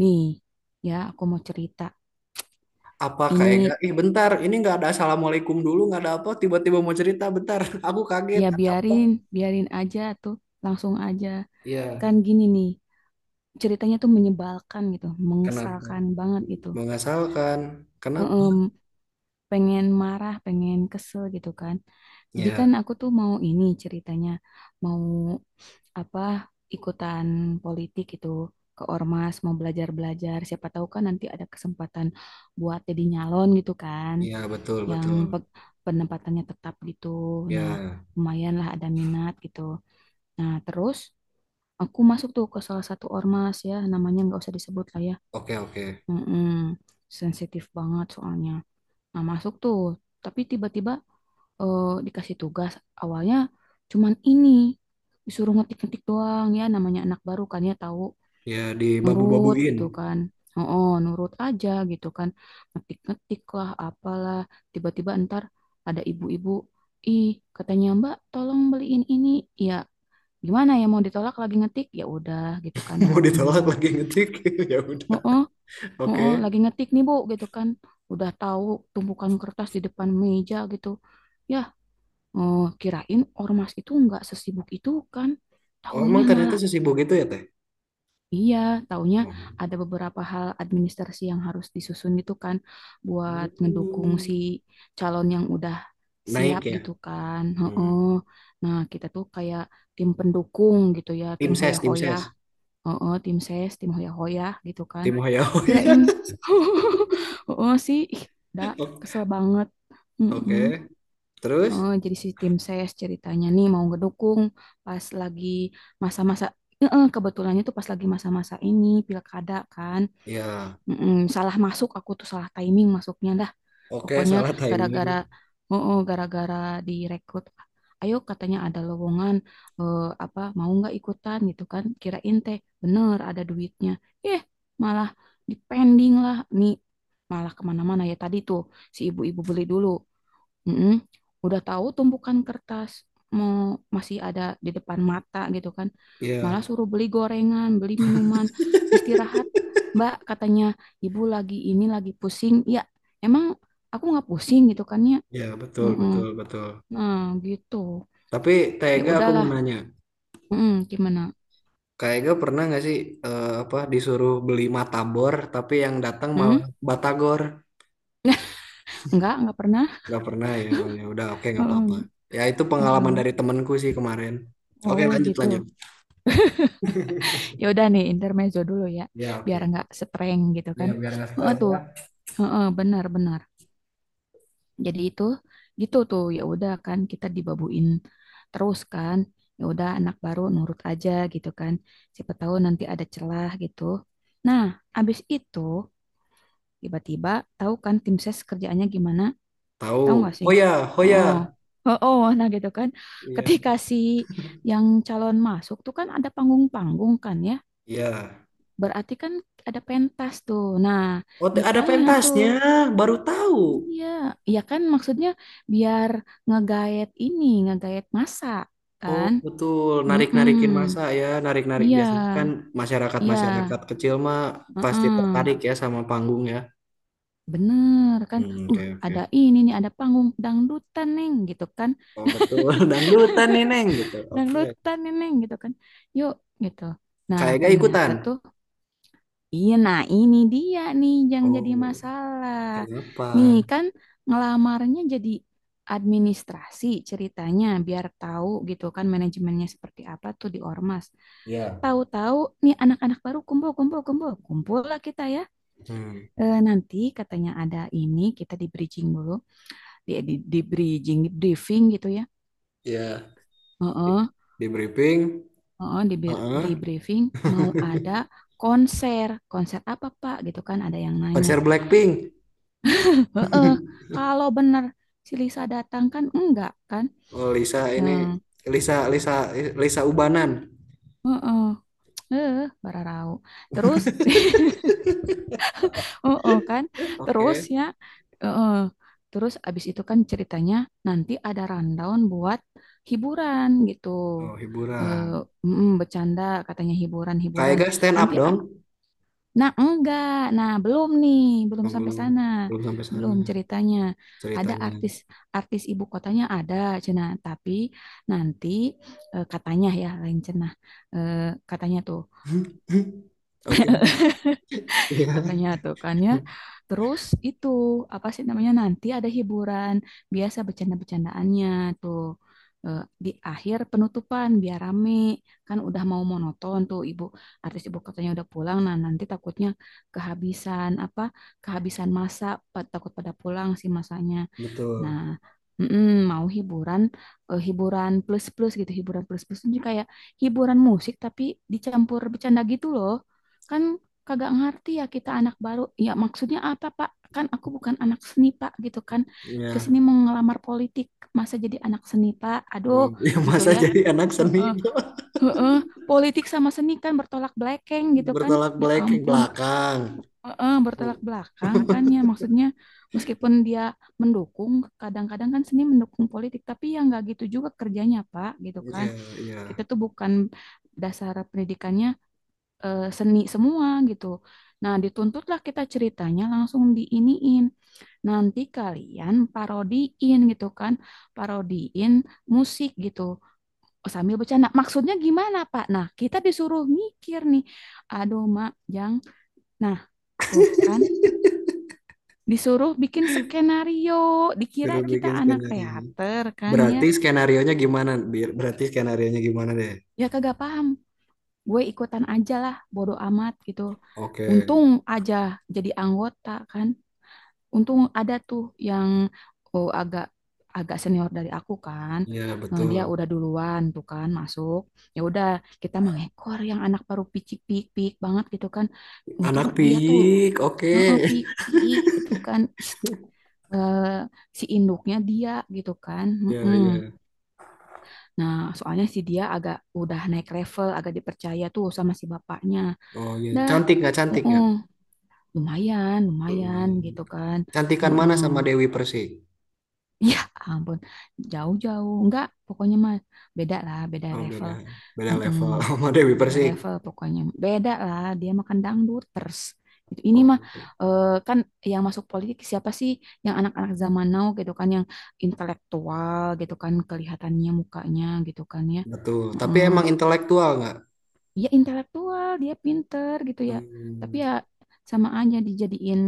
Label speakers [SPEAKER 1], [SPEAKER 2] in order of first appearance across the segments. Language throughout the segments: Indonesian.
[SPEAKER 1] Nih, ya aku mau cerita.
[SPEAKER 2] Apa Kak Ega?
[SPEAKER 1] Ini
[SPEAKER 2] Ih bentar, ini nggak ada assalamualaikum dulu, nggak ada apa, tiba-tiba mau cerita, bentar. Aku kaget,
[SPEAKER 1] ya
[SPEAKER 2] ada apa?
[SPEAKER 1] biarin, biarin aja tuh, langsung aja.
[SPEAKER 2] Iya,
[SPEAKER 1] Kan gini nih, ceritanya tuh menyebalkan gitu,
[SPEAKER 2] kenapa?
[SPEAKER 1] mengesalkan banget gitu.
[SPEAKER 2] Mengasalkan, kenapa?
[SPEAKER 1] Em, Pengen marah, pengen kesel gitu kan. Jadi kan
[SPEAKER 2] Ya,
[SPEAKER 1] aku tuh mau ini ceritanya, mau apa ikutan politik gitu ke ormas, mau belajar-belajar. Siapa tahu kan nanti ada kesempatan buat jadi nyalon gitu kan,
[SPEAKER 2] ya betul,
[SPEAKER 1] yang
[SPEAKER 2] betul.
[SPEAKER 1] pe- penempatannya tetap gitu. Nah,
[SPEAKER 2] Ya,
[SPEAKER 1] lumayan lah ada minat gitu. Nah, terus aku masuk tuh ke salah satu ormas ya, namanya nggak usah disebut lah ya.
[SPEAKER 2] oke, oke.
[SPEAKER 1] Mm-mm, sensitif banget soalnya. Nah, masuk tuh, tapi tiba-tiba dikasih tugas awalnya cuman ini, disuruh ngetik-ngetik doang, ya namanya anak baru kan ya tahu
[SPEAKER 2] Ya,
[SPEAKER 1] nurut
[SPEAKER 2] dibabu-babuin.
[SPEAKER 1] gitu kan. Oh, nurut aja gitu kan. Ngetik-ngetik lah, apalah. Tiba-tiba ntar ada ibu-ibu, ih, katanya Mbak tolong beliin ini. Ya gimana ya, mau ditolak lagi ngetik? Ya udah gitu kan,
[SPEAKER 2] Mau
[SPEAKER 1] nurutin dulu.
[SPEAKER 2] ditolak lagi ngetik, ya udah.
[SPEAKER 1] Oh, oh, oh,
[SPEAKER 2] Oke.
[SPEAKER 1] oh, lagi ngetik nih Bu gitu kan. Udah tahu tumpukan kertas di depan meja gitu. Ya, oh, kirain ormas itu nggak sesibuk itu kan.
[SPEAKER 2] Oh,
[SPEAKER 1] Taunya
[SPEAKER 2] emang ternyata
[SPEAKER 1] malah,
[SPEAKER 2] sesibuk itu ya, Teh?
[SPEAKER 1] iya, taunya
[SPEAKER 2] Hmm.
[SPEAKER 1] ada beberapa hal administrasi yang harus disusun gitu kan, buat ngedukung si
[SPEAKER 2] Hmm.
[SPEAKER 1] calon yang udah siap
[SPEAKER 2] Naik ya?
[SPEAKER 1] gitu kan.
[SPEAKER 2] Hmm.
[SPEAKER 1] Heeh. Nah, kita tuh kayak tim pendukung gitu ya,
[SPEAKER 2] Tim
[SPEAKER 1] tim
[SPEAKER 2] ses, tim
[SPEAKER 1] hoya-hoya,
[SPEAKER 2] ses.
[SPEAKER 1] heeh, tim ses, tim hoya-hoya gitu kan.
[SPEAKER 2] Tim hoya hoya.
[SPEAKER 1] Kirain, heeh sih, ih, dah kesel banget. Mm-mm.
[SPEAKER 2] Oke, terus?
[SPEAKER 1] Eh, jadi si tim ses ceritanya nih mau ngedukung pas lagi masa-masa, kebetulannya tuh pas lagi masa-masa ini pilkada kan.
[SPEAKER 2] Ya.
[SPEAKER 1] Mm-mm, salah masuk aku tuh, salah timing masuknya dah,
[SPEAKER 2] Oke,
[SPEAKER 1] pokoknya
[SPEAKER 2] salah timing.
[SPEAKER 1] gara-gara, oh, gara-gara direkrut, ayo katanya ada lowongan, eh, apa mau nggak ikutan gitu kan, kirain teh bener ada duitnya, eh malah dipending lah nih, malah kemana-mana, ya tadi tuh si ibu-ibu beli dulu. Mm-mm. Udah tahu tumpukan kertas mau masih ada di depan mata gitu kan.
[SPEAKER 2] Iya,
[SPEAKER 1] Malah suruh beli gorengan, beli minuman, istirahat. Mbak katanya ibu lagi ini, lagi pusing. Ya emang aku nggak pusing gitu kan ya.
[SPEAKER 2] iya betul,
[SPEAKER 1] Mm-mm.
[SPEAKER 2] betul, betul.
[SPEAKER 1] Nah gitu.
[SPEAKER 2] Tapi
[SPEAKER 1] Ya
[SPEAKER 2] Tega aku mau
[SPEAKER 1] udahlah.
[SPEAKER 2] nanya,
[SPEAKER 1] Mm-mm, gimana?
[SPEAKER 2] Kak Ega pernah nggak sih apa disuruh beli matabor, tapi yang datang
[SPEAKER 1] Hmm?
[SPEAKER 2] malah batagor?
[SPEAKER 1] Enggak pernah.
[SPEAKER 2] Nggak pernah ya. Ya udah, oke nggak apa-apa.
[SPEAKER 1] Mm-mm,
[SPEAKER 2] Ya itu pengalaman
[SPEAKER 1] mm-mm.
[SPEAKER 2] dari temanku sih kemarin. Oke,
[SPEAKER 1] Oh
[SPEAKER 2] lanjut,
[SPEAKER 1] gitu.
[SPEAKER 2] lanjut.
[SPEAKER 1] Ya udah nih intermezzo dulu ya,
[SPEAKER 2] Ya
[SPEAKER 1] biar
[SPEAKER 2] oke.
[SPEAKER 1] nggak streng gitu
[SPEAKER 2] Ya
[SPEAKER 1] kan.
[SPEAKER 2] biar nggak
[SPEAKER 1] Heeh
[SPEAKER 2] stres
[SPEAKER 1] tuh,
[SPEAKER 2] ya.
[SPEAKER 1] heeh benar-benar. Jadi itu gitu tuh, ya udah kan kita dibabuin terus kan, ya udah anak baru nurut aja gitu kan, siapa tahu nanti ada celah gitu. Nah, abis itu tiba-tiba, tahu kan tim ses kerjaannya gimana, tahu
[SPEAKER 2] Tahu.
[SPEAKER 1] nggak sih,
[SPEAKER 2] hoya,
[SPEAKER 1] oh
[SPEAKER 2] hoya.
[SPEAKER 1] oh oh nah gitu kan, ketika
[SPEAKER 2] Iya.
[SPEAKER 1] si yang calon masuk tuh kan ada panggung-panggung kan ya,
[SPEAKER 2] Iya.
[SPEAKER 1] berarti kan ada pentas tuh nah,
[SPEAKER 2] Oh, ada
[SPEAKER 1] ditanya tuh.
[SPEAKER 2] pentasnya, baru tahu.
[SPEAKER 1] Iya, ya kan maksudnya biar ngegaet ini, ngegaet masa
[SPEAKER 2] Oh
[SPEAKER 1] kan?
[SPEAKER 2] betul,
[SPEAKER 1] Mm-mm.
[SPEAKER 2] narik-narikin masa ya, narik-narik
[SPEAKER 1] Iya,
[SPEAKER 2] biasanya kan
[SPEAKER 1] iya,
[SPEAKER 2] masyarakat-masyarakat kecil mah pasti
[SPEAKER 1] mm-mm.
[SPEAKER 2] tertarik ya sama panggung ya.
[SPEAKER 1] Bener kan?
[SPEAKER 2] Hmm, oke
[SPEAKER 1] Ada
[SPEAKER 2] oke.
[SPEAKER 1] ini nih, ada panggung dangdutan neng gitu kan?
[SPEAKER 2] Oh betul, dangdutan nih Neng gitu. Oke.
[SPEAKER 1] Dangdutan nih neng gitu kan? Yuk gitu. Nah
[SPEAKER 2] Kayaknya
[SPEAKER 1] ternyata
[SPEAKER 2] ikutan.
[SPEAKER 1] tuh, iya, nah ini dia nih yang jadi
[SPEAKER 2] Oh,
[SPEAKER 1] masalah. Nih
[SPEAKER 2] kenapa?
[SPEAKER 1] kan ngelamarnya jadi administrasi, ceritanya biar tahu gitu kan manajemennya seperti apa tuh di ormas.
[SPEAKER 2] Ya,
[SPEAKER 1] Tahu-tahu nih anak-anak baru kumpul kumpul kumpul kumpul lah kita ya.
[SPEAKER 2] hmm,
[SPEAKER 1] Eh, nanti katanya ada ini, kita di bridging dulu, di briefing gitu ya.
[SPEAKER 2] ya di,
[SPEAKER 1] Heeh,
[SPEAKER 2] di briefing.
[SPEAKER 1] heeh,
[SPEAKER 2] Heeh.
[SPEAKER 1] di briefing mau ada konser, konser apa Pak gitu kan, ada yang nanya.
[SPEAKER 2] Konser Blackpink.
[SPEAKER 1] Heeh, kalau benar si Lisa datang kan, enggak kan?
[SPEAKER 2] Oh Lisa ini
[SPEAKER 1] Hmm,
[SPEAKER 2] Lisa Lisa Lisa Ubanan.
[SPEAKER 1] heeh, eh, bararau. Terus, heeh kan? Terus
[SPEAKER 2] Oke.
[SPEAKER 1] ya, heeh. Terus abis itu kan ceritanya nanti ada rundown buat hiburan gitu.
[SPEAKER 2] Oh hiburan.
[SPEAKER 1] Eh, Bercanda katanya, hiburan-hiburan.
[SPEAKER 2] Kayaknya stand up
[SPEAKER 1] Nanti
[SPEAKER 2] dong.
[SPEAKER 1] a- Nah, enggak. Nah, belum nih, belum
[SPEAKER 2] Oh,
[SPEAKER 1] sampai
[SPEAKER 2] belum
[SPEAKER 1] sana.
[SPEAKER 2] belum sampai sana
[SPEAKER 1] Belum ceritanya. Ada
[SPEAKER 2] ceritanya.
[SPEAKER 1] artis, artis ibu kotanya ada cenah, tapi nanti eh, katanya ya lain cenah. Eh, katanya tuh,
[SPEAKER 2] Oke,
[SPEAKER 1] katanya
[SPEAKER 2] ya
[SPEAKER 1] tuh kan ya. Terus itu apa sih namanya, nanti ada hiburan biasa bercanda-bercandaannya tuh. Eh, di akhir penutupan biar rame, kan udah mau monoton tuh, ibu artis ibu katanya udah pulang, nah nanti takutnya kehabisan apa, kehabisan masa, takut pada pulang si masanya. Nah,
[SPEAKER 2] betul.
[SPEAKER 1] mm-mm, mau hiburan, eh, hiburan plus-plus gitu, hiburan plus-plus itu kayak hiburan musik tapi dicampur bercanda gitu loh. Kan kagak ngerti ya kita anak baru. Ya maksudnya apa, Pak? Kan aku bukan anak seni, Pak, gitu kan. Kesini
[SPEAKER 2] Ya,
[SPEAKER 1] mau ngelamar politik, masa jadi anak seni, Pak? Aduh,
[SPEAKER 2] oh, ya
[SPEAKER 1] gitu
[SPEAKER 2] masa
[SPEAKER 1] ya.
[SPEAKER 2] jadi anak seni
[SPEAKER 1] Heeh, heeh. Politik sama seni kan bertolak belakang gitu kan.
[SPEAKER 2] bertolak
[SPEAKER 1] Ya
[SPEAKER 2] belakang
[SPEAKER 1] ampun,
[SPEAKER 2] belakang.
[SPEAKER 1] heeh, bertolak belakang kan, ya maksudnya meskipun dia mendukung, kadang-kadang kan seni mendukung politik, tapi ya nggak gitu juga kerjanya Pak gitu kan.
[SPEAKER 2] Ya,
[SPEAKER 1] Kita
[SPEAKER 2] ya.
[SPEAKER 1] tuh bukan dasar pendidikannya eh, seni semua gitu. Nah, dituntutlah kita ceritanya, langsung diiniin, nanti kalian parodiin gitu kan, parodiin musik gitu. Oh, sambil bercanda, maksudnya gimana Pak, nah kita disuruh mikir nih, aduh Mak Jang, nah tuh kan disuruh bikin skenario, dikira
[SPEAKER 2] Suruh
[SPEAKER 1] kita
[SPEAKER 2] bikin
[SPEAKER 1] anak
[SPEAKER 2] skenario.
[SPEAKER 1] teater kan ya.
[SPEAKER 2] Berarti skenarionya gimana? Berarti skenarionya gimana deh?
[SPEAKER 1] Ya kagak paham, gue ikutan aja lah, bodo amat gitu.
[SPEAKER 2] Oke.
[SPEAKER 1] Untung aja jadi anggota kan. Untung ada tuh yang oh, agak agak senior dari aku kan.
[SPEAKER 2] Ya,
[SPEAKER 1] Eh, dia
[SPEAKER 2] betul.
[SPEAKER 1] udah duluan tuh kan masuk. Ya udah, kita mengekor yang anak baru picik-pik banget gitu kan. Untung
[SPEAKER 2] Anak
[SPEAKER 1] dia tuh
[SPEAKER 2] piik. Oke.
[SPEAKER 1] heeh, pikik gitu kan. Ih, eh, si induknya dia gitu kan.
[SPEAKER 2] Ya,
[SPEAKER 1] Mm-mm.
[SPEAKER 2] ya.
[SPEAKER 1] Nah, soalnya si dia agak udah naik level, agak dipercaya tuh sama si bapaknya.
[SPEAKER 2] Oh, ya.
[SPEAKER 1] Dah,
[SPEAKER 2] Cantik nggak? Cantik
[SPEAKER 1] mm
[SPEAKER 2] nggak?
[SPEAKER 1] lumayan, lumayan
[SPEAKER 2] Lumayan.
[SPEAKER 1] gitu kan.
[SPEAKER 2] Cantikan mana sama
[SPEAKER 1] mm
[SPEAKER 2] Dewi Persik?
[SPEAKER 1] Ya ampun, jauh-jauh. Enggak, pokoknya mah beda lah, beda
[SPEAKER 2] Oh, beda
[SPEAKER 1] level.
[SPEAKER 2] beda
[SPEAKER 1] Mm-mm.
[SPEAKER 2] level sama Dewi
[SPEAKER 1] Beda
[SPEAKER 2] Persik.
[SPEAKER 1] level pokoknya. Beda lah, dia makan dangduters gitu ini mah.
[SPEAKER 2] Oh,
[SPEAKER 1] Eh, kan yang masuk politik siapa sih? Yang anak-anak zaman now gitu kan, yang intelektual gitu kan, kelihatannya mukanya gitu kan ya.
[SPEAKER 2] betul. Tapi emang
[SPEAKER 1] mm
[SPEAKER 2] intelektual nggak?
[SPEAKER 1] Dia intelektual, dia pinter gitu ya. Tapi
[SPEAKER 2] Hmm.
[SPEAKER 1] ya sama aja dijadiin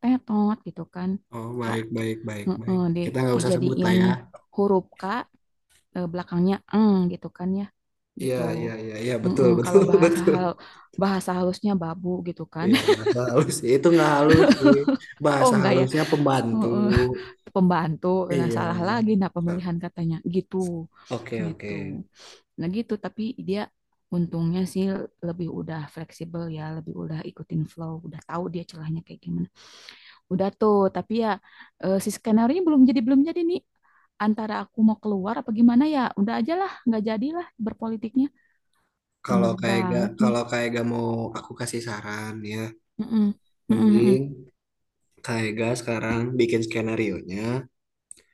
[SPEAKER 1] tetot gitu kan.
[SPEAKER 2] Oh,
[SPEAKER 1] Kak
[SPEAKER 2] baik
[SPEAKER 1] tuh.
[SPEAKER 2] baik baik baik.
[SPEAKER 1] Di,
[SPEAKER 2] Kita nggak usah sebut lah
[SPEAKER 1] dijadiin
[SPEAKER 2] ya.
[SPEAKER 1] huruf K, eh, belakangnya eng gitu kan ya,
[SPEAKER 2] Iya
[SPEAKER 1] gitu.
[SPEAKER 2] iya iya iya betul
[SPEAKER 1] Mm-mm,
[SPEAKER 2] betul
[SPEAKER 1] kalau
[SPEAKER 2] betul.
[SPEAKER 1] bahasa halusnya babu gitu kan.
[SPEAKER 2] Iya bahasa halus itu nggak halus sih.
[SPEAKER 1] Oh
[SPEAKER 2] Bahasa
[SPEAKER 1] enggak ya.
[SPEAKER 2] halusnya pembantu.
[SPEAKER 1] Mm-mm. Pembantu, nah
[SPEAKER 2] Iya.
[SPEAKER 1] salah lagi nah pemilihan katanya gitu,
[SPEAKER 2] Oke oke.
[SPEAKER 1] gitu. Nah gitu, tapi dia untungnya sih lebih udah fleksibel ya, lebih udah ikutin flow, udah tahu dia celahnya kayak gimana, udah tuh, tapi ya eh, si skenario belum jadi, belum jadi nih, antara aku mau keluar apa gimana, ya udah aja lah, nggak jadilah berpolitiknya.
[SPEAKER 2] Kalau
[SPEAKER 1] Bener
[SPEAKER 2] kayak gak
[SPEAKER 1] banget nih.
[SPEAKER 2] kalau kayak gak mau aku kasih saran ya,
[SPEAKER 1] Mm-mm, mm-mm,
[SPEAKER 2] mending kayak gak sekarang bikin skenario nya,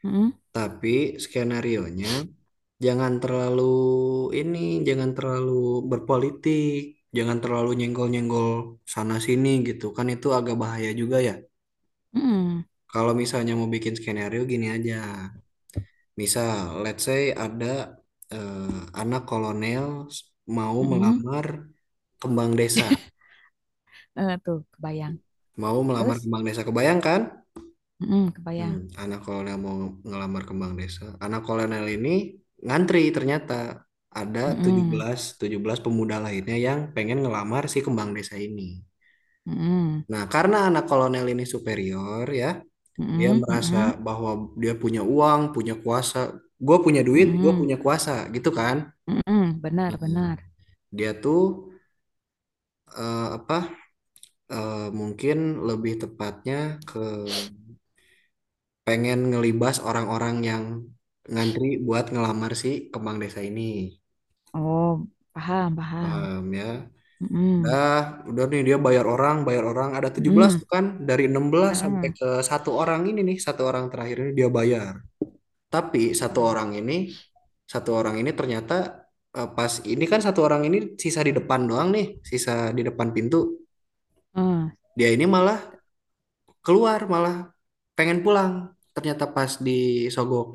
[SPEAKER 1] mm-mm, mm-mm,
[SPEAKER 2] tapi skenario nya jangan terlalu ini, jangan terlalu berpolitik, jangan terlalu nyenggol-nyenggol sana sini gitu. Kan itu agak bahaya juga ya.
[SPEAKER 1] mm-mm,
[SPEAKER 2] Kalau misalnya mau bikin skenario gini aja. Misal, let's say ada eh, anak kolonel s- mau
[SPEAKER 1] mm-mm.
[SPEAKER 2] melamar kembang desa,
[SPEAKER 1] Eh, tuh kebayang.
[SPEAKER 2] mau melamar
[SPEAKER 1] Terus,
[SPEAKER 2] kembang desa. Kebayang kan?
[SPEAKER 1] mm-mm,
[SPEAKER 2] Hmm,
[SPEAKER 1] kebayang.
[SPEAKER 2] anak kolonel mau ngelamar kembang desa. Anak kolonel ini ngantri ternyata ada tujuh
[SPEAKER 1] Mm-mm,
[SPEAKER 2] belas tujuh belas pemuda lainnya yang pengen ngelamar si kembang desa ini.
[SPEAKER 1] mm-mm,
[SPEAKER 2] Nah, karena anak kolonel ini superior ya, dia
[SPEAKER 1] mm-mm,
[SPEAKER 2] merasa
[SPEAKER 1] mm-mm,
[SPEAKER 2] bahwa dia punya uang, punya kuasa. Gue punya duit, gue
[SPEAKER 1] mm-mm,
[SPEAKER 2] punya kuasa, gitu kan?
[SPEAKER 1] mm-mm. Benar,
[SPEAKER 2] Nah,
[SPEAKER 1] benar.
[SPEAKER 2] dia tuh apa? Mungkin lebih tepatnya ke pengen ngelibas orang-orang yang ngantri buat ngelamar si kembang desa ini.
[SPEAKER 1] Oh, paham, paham.
[SPEAKER 2] Paham ya.
[SPEAKER 1] Mm-mm,
[SPEAKER 2] Dah, udah nih dia bayar orang ada tujuh belas
[SPEAKER 1] mm-mm,
[SPEAKER 2] tuh kan dari enam belas sampai
[SPEAKER 1] mm-mm,
[SPEAKER 2] ke satu orang ini nih, satu orang terakhir ini dia bayar. Tapi satu
[SPEAKER 1] mm-mm.
[SPEAKER 2] orang ini satu orang ini ternyata pas ini kan satu orang ini sisa di depan doang nih, sisa di depan pintu.
[SPEAKER 1] Eh,
[SPEAKER 2] Dia ini malah keluar, malah pengen pulang. Ternyata pas disogok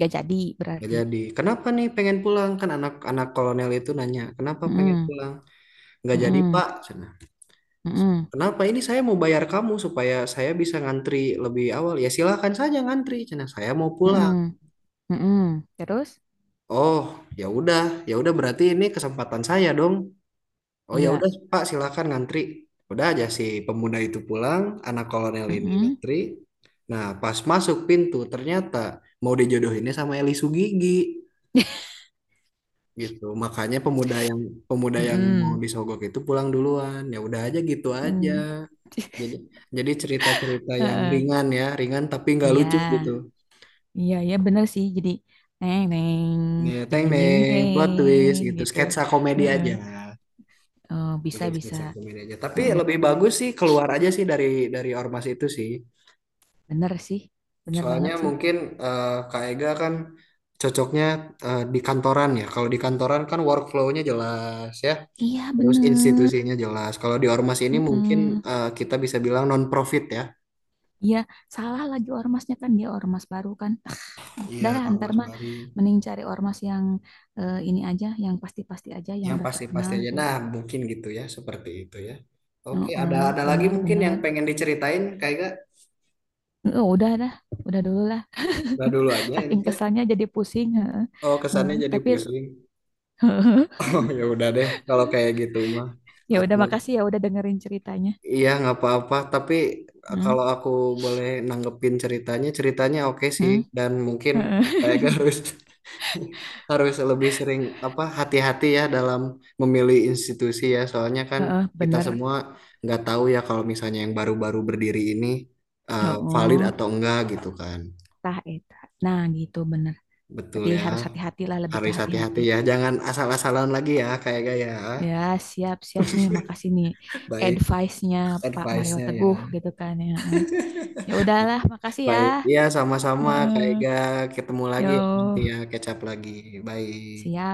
[SPEAKER 1] gak jadi
[SPEAKER 2] nggak
[SPEAKER 1] berarti.
[SPEAKER 2] jadi. Kenapa nih pengen pulang? Kan anak-anak kolonel itu nanya, "Kenapa pengen
[SPEAKER 1] Mm-mm,
[SPEAKER 2] pulang?" Nggak jadi,
[SPEAKER 1] mm-mm,
[SPEAKER 2] Pak.
[SPEAKER 1] mm-mm,
[SPEAKER 2] Kenapa ini saya mau bayar kamu supaya saya bisa ngantri lebih awal? Ya silahkan saja ngantri, cina saya mau pulang.
[SPEAKER 1] mm-mm, mm-mm. Terus,
[SPEAKER 2] Oh, ya udah, ya udah berarti ini kesempatan saya dong. Oh ya
[SPEAKER 1] iya.
[SPEAKER 2] udah Pak, silahkan ngantri. Udah aja si pemuda itu pulang, anak kolonel ini
[SPEAKER 1] Mm-mm,
[SPEAKER 2] ngantri. Nah, pas masuk pintu ternyata mau dijodohinnya sama Eli Sugigi gitu. Makanya pemuda yang mau
[SPEAKER 1] mm-mm,
[SPEAKER 2] disogok itu pulang duluan. Ya udah aja gitu aja.
[SPEAKER 1] mm.
[SPEAKER 2] Jadi, jadi, cerita-cerita yang
[SPEAKER 1] Heeh,
[SPEAKER 2] ringan ya, ringan tapi nggak
[SPEAKER 1] iya.
[SPEAKER 2] lucu gitu.
[SPEAKER 1] Iya, iya bener sih. Jadi neng neng,
[SPEAKER 2] Ya,
[SPEAKER 1] jeng
[SPEAKER 2] teng
[SPEAKER 1] jeng jeng
[SPEAKER 2] neng, plot twist
[SPEAKER 1] jeng
[SPEAKER 2] gitu,
[SPEAKER 1] gitu.
[SPEAKER 2] sketsa komedi
[SPEAKER 1] Heeh.
[SPEAKER 2] aja,
[SPEAKER 1] Oh, bisa
[SPEAKER 2] bikin
[SPEAKER 1] bisa.
[SPEAKER 2] sketsa komedi aja. Tapi
[SPEAKER 1] Heeh,
[SPEAKER 2] lebih bagus sih keluar aja sih dari ormas itu sih.
[SPEAKER 1] bener sih. Bener
[SPEAKER 2] Soalnya
[SPEAKER 1] banget sih.
[SPEAKER 2] mungkin Kak Ega kan cocoknya di kantoran ya. Kalau di kantoran kan workflow-nya jelas ya,
[SPEAKER 1] Iya,
[SPEAKER 2] terus
[SPEAKER 1] bener.
[SPEAKER 2] institusinya jelas. Kalau di ormas ini mungkin
[SPEAKER 1] Heeh.
[SPEAKER 2] kita bisa bilang non-profit ya.
[SPEAKER 1] Iya, salah lagi ormasnya kan, dia ormas baru kan.
[SPEAKER 2] Iya,
[SPEAKER 1] Darah antar
[SPEAKER 2] ormas
[SPEAKER 1] mah
[SPEAKER 2] baru.
[SPEAKER 1] mending cari ormas yang eh, ini aja, yang pasti-pasti aja, yang
[SPEAKER 2] Yang
[SPEAKER 1] udah terkenal
[SPEAKER 2] pasti-pasti aja.
[SPEAKER 1] gitu ya.
[SPEAKER 2] Nah, mungkin gitu ya, seperti itu ya. Oke, ada
[SPEAKER 1] Heeh,
[SPEAKER 2] ada lagi
[SPEAKER 1] benar
[SPEAKER 2] mungkin yang
[SPEAKER 1] benar.
[SPEAKER 2] pengen diceritain, kayak gak?
[SPEAKER 1] Heeh, udah dah, udah dulu lah.
[SPEAKER 2] Udah dulu aja ini
[SPEAKER 1] Saking
[SPEAKER 2] teh.
[SPEAKER 1] kesannya jadi pusing. Heeh.
[SPEAKER 2] Oh,
[SPEAKER 1] Heeh,
[SPEAKER 2] kesannya jadi
[SPEAKER 1] tapi
[SPEAKER 2] pusing. Oh, ya udah deh, kalau kayak gitu mah.
[SPEAKER 1] ya udah
[SPEAKER 2] Aku
[SPEAKER 1] makasih ya udah dengerin ceritanya.
[SPEAKER 2] iya nggak apa-apa, tapi
[SPEAKER 1] Hmm,
[SPEAKER 2] kalau aku boleh nanggepin ceritanya, oke sih,
[SPEAKER 1] hmm,
[SPEAKER 2] dan mungkin
[SPEAKER 1] heeh.
[SPEAKER 2] kayak gak harus. Harus lebih sering apa hati-hati ya dalam memilih institusi ya, soalnya kan
[SPEAKER 1] Heeh,
[SPEAKER 2] kita
[SPEAKER 1] bener.
[SPEAKER 2] semua nggak tahu ya kalau misalnya yang baru-baru berdiri ini valid
[SPEAKER 1] Oh,
[SPEAKER 2] atau enggak gitu kan.
[SPEAKER 1] tah eta. Nah, gitu bener.
[SPEAKER 2] Betul ya,
[SPEAKER 1] Harus hati-hati lah, lebih ke
[SPEAKER 2] harus
[SPEAKER 1] hati-hati.
[SPEAKER 2] hati-hati ya jangan asal-asalan lagi ya kayak gaya.
[SPEAKER 1] Ya, siap-siap nih. Makasih nih
[SPEAKER 2] Baik,
[SPEAKER 1] advice-nya Pak Mario
[SPEAKER 2] advice-nya
[SPEAKER 1] Teguh
[SPEAKER 2] ya.
[SPEAKER 1] gitu kan ya. Heeh. Ya udahlah, makasih ya.
[SPEAKER 2] Baik ya, sama-sama kayak
[SPEAKER 1] Heeh.
[SPEAKER 2] gak. Ketemu lagi ya nanti
[SPEAKER 1] Yo.
[SPEAKER 2] ya, kecap lagi. Baik.
[SPEAKER 1] Siap.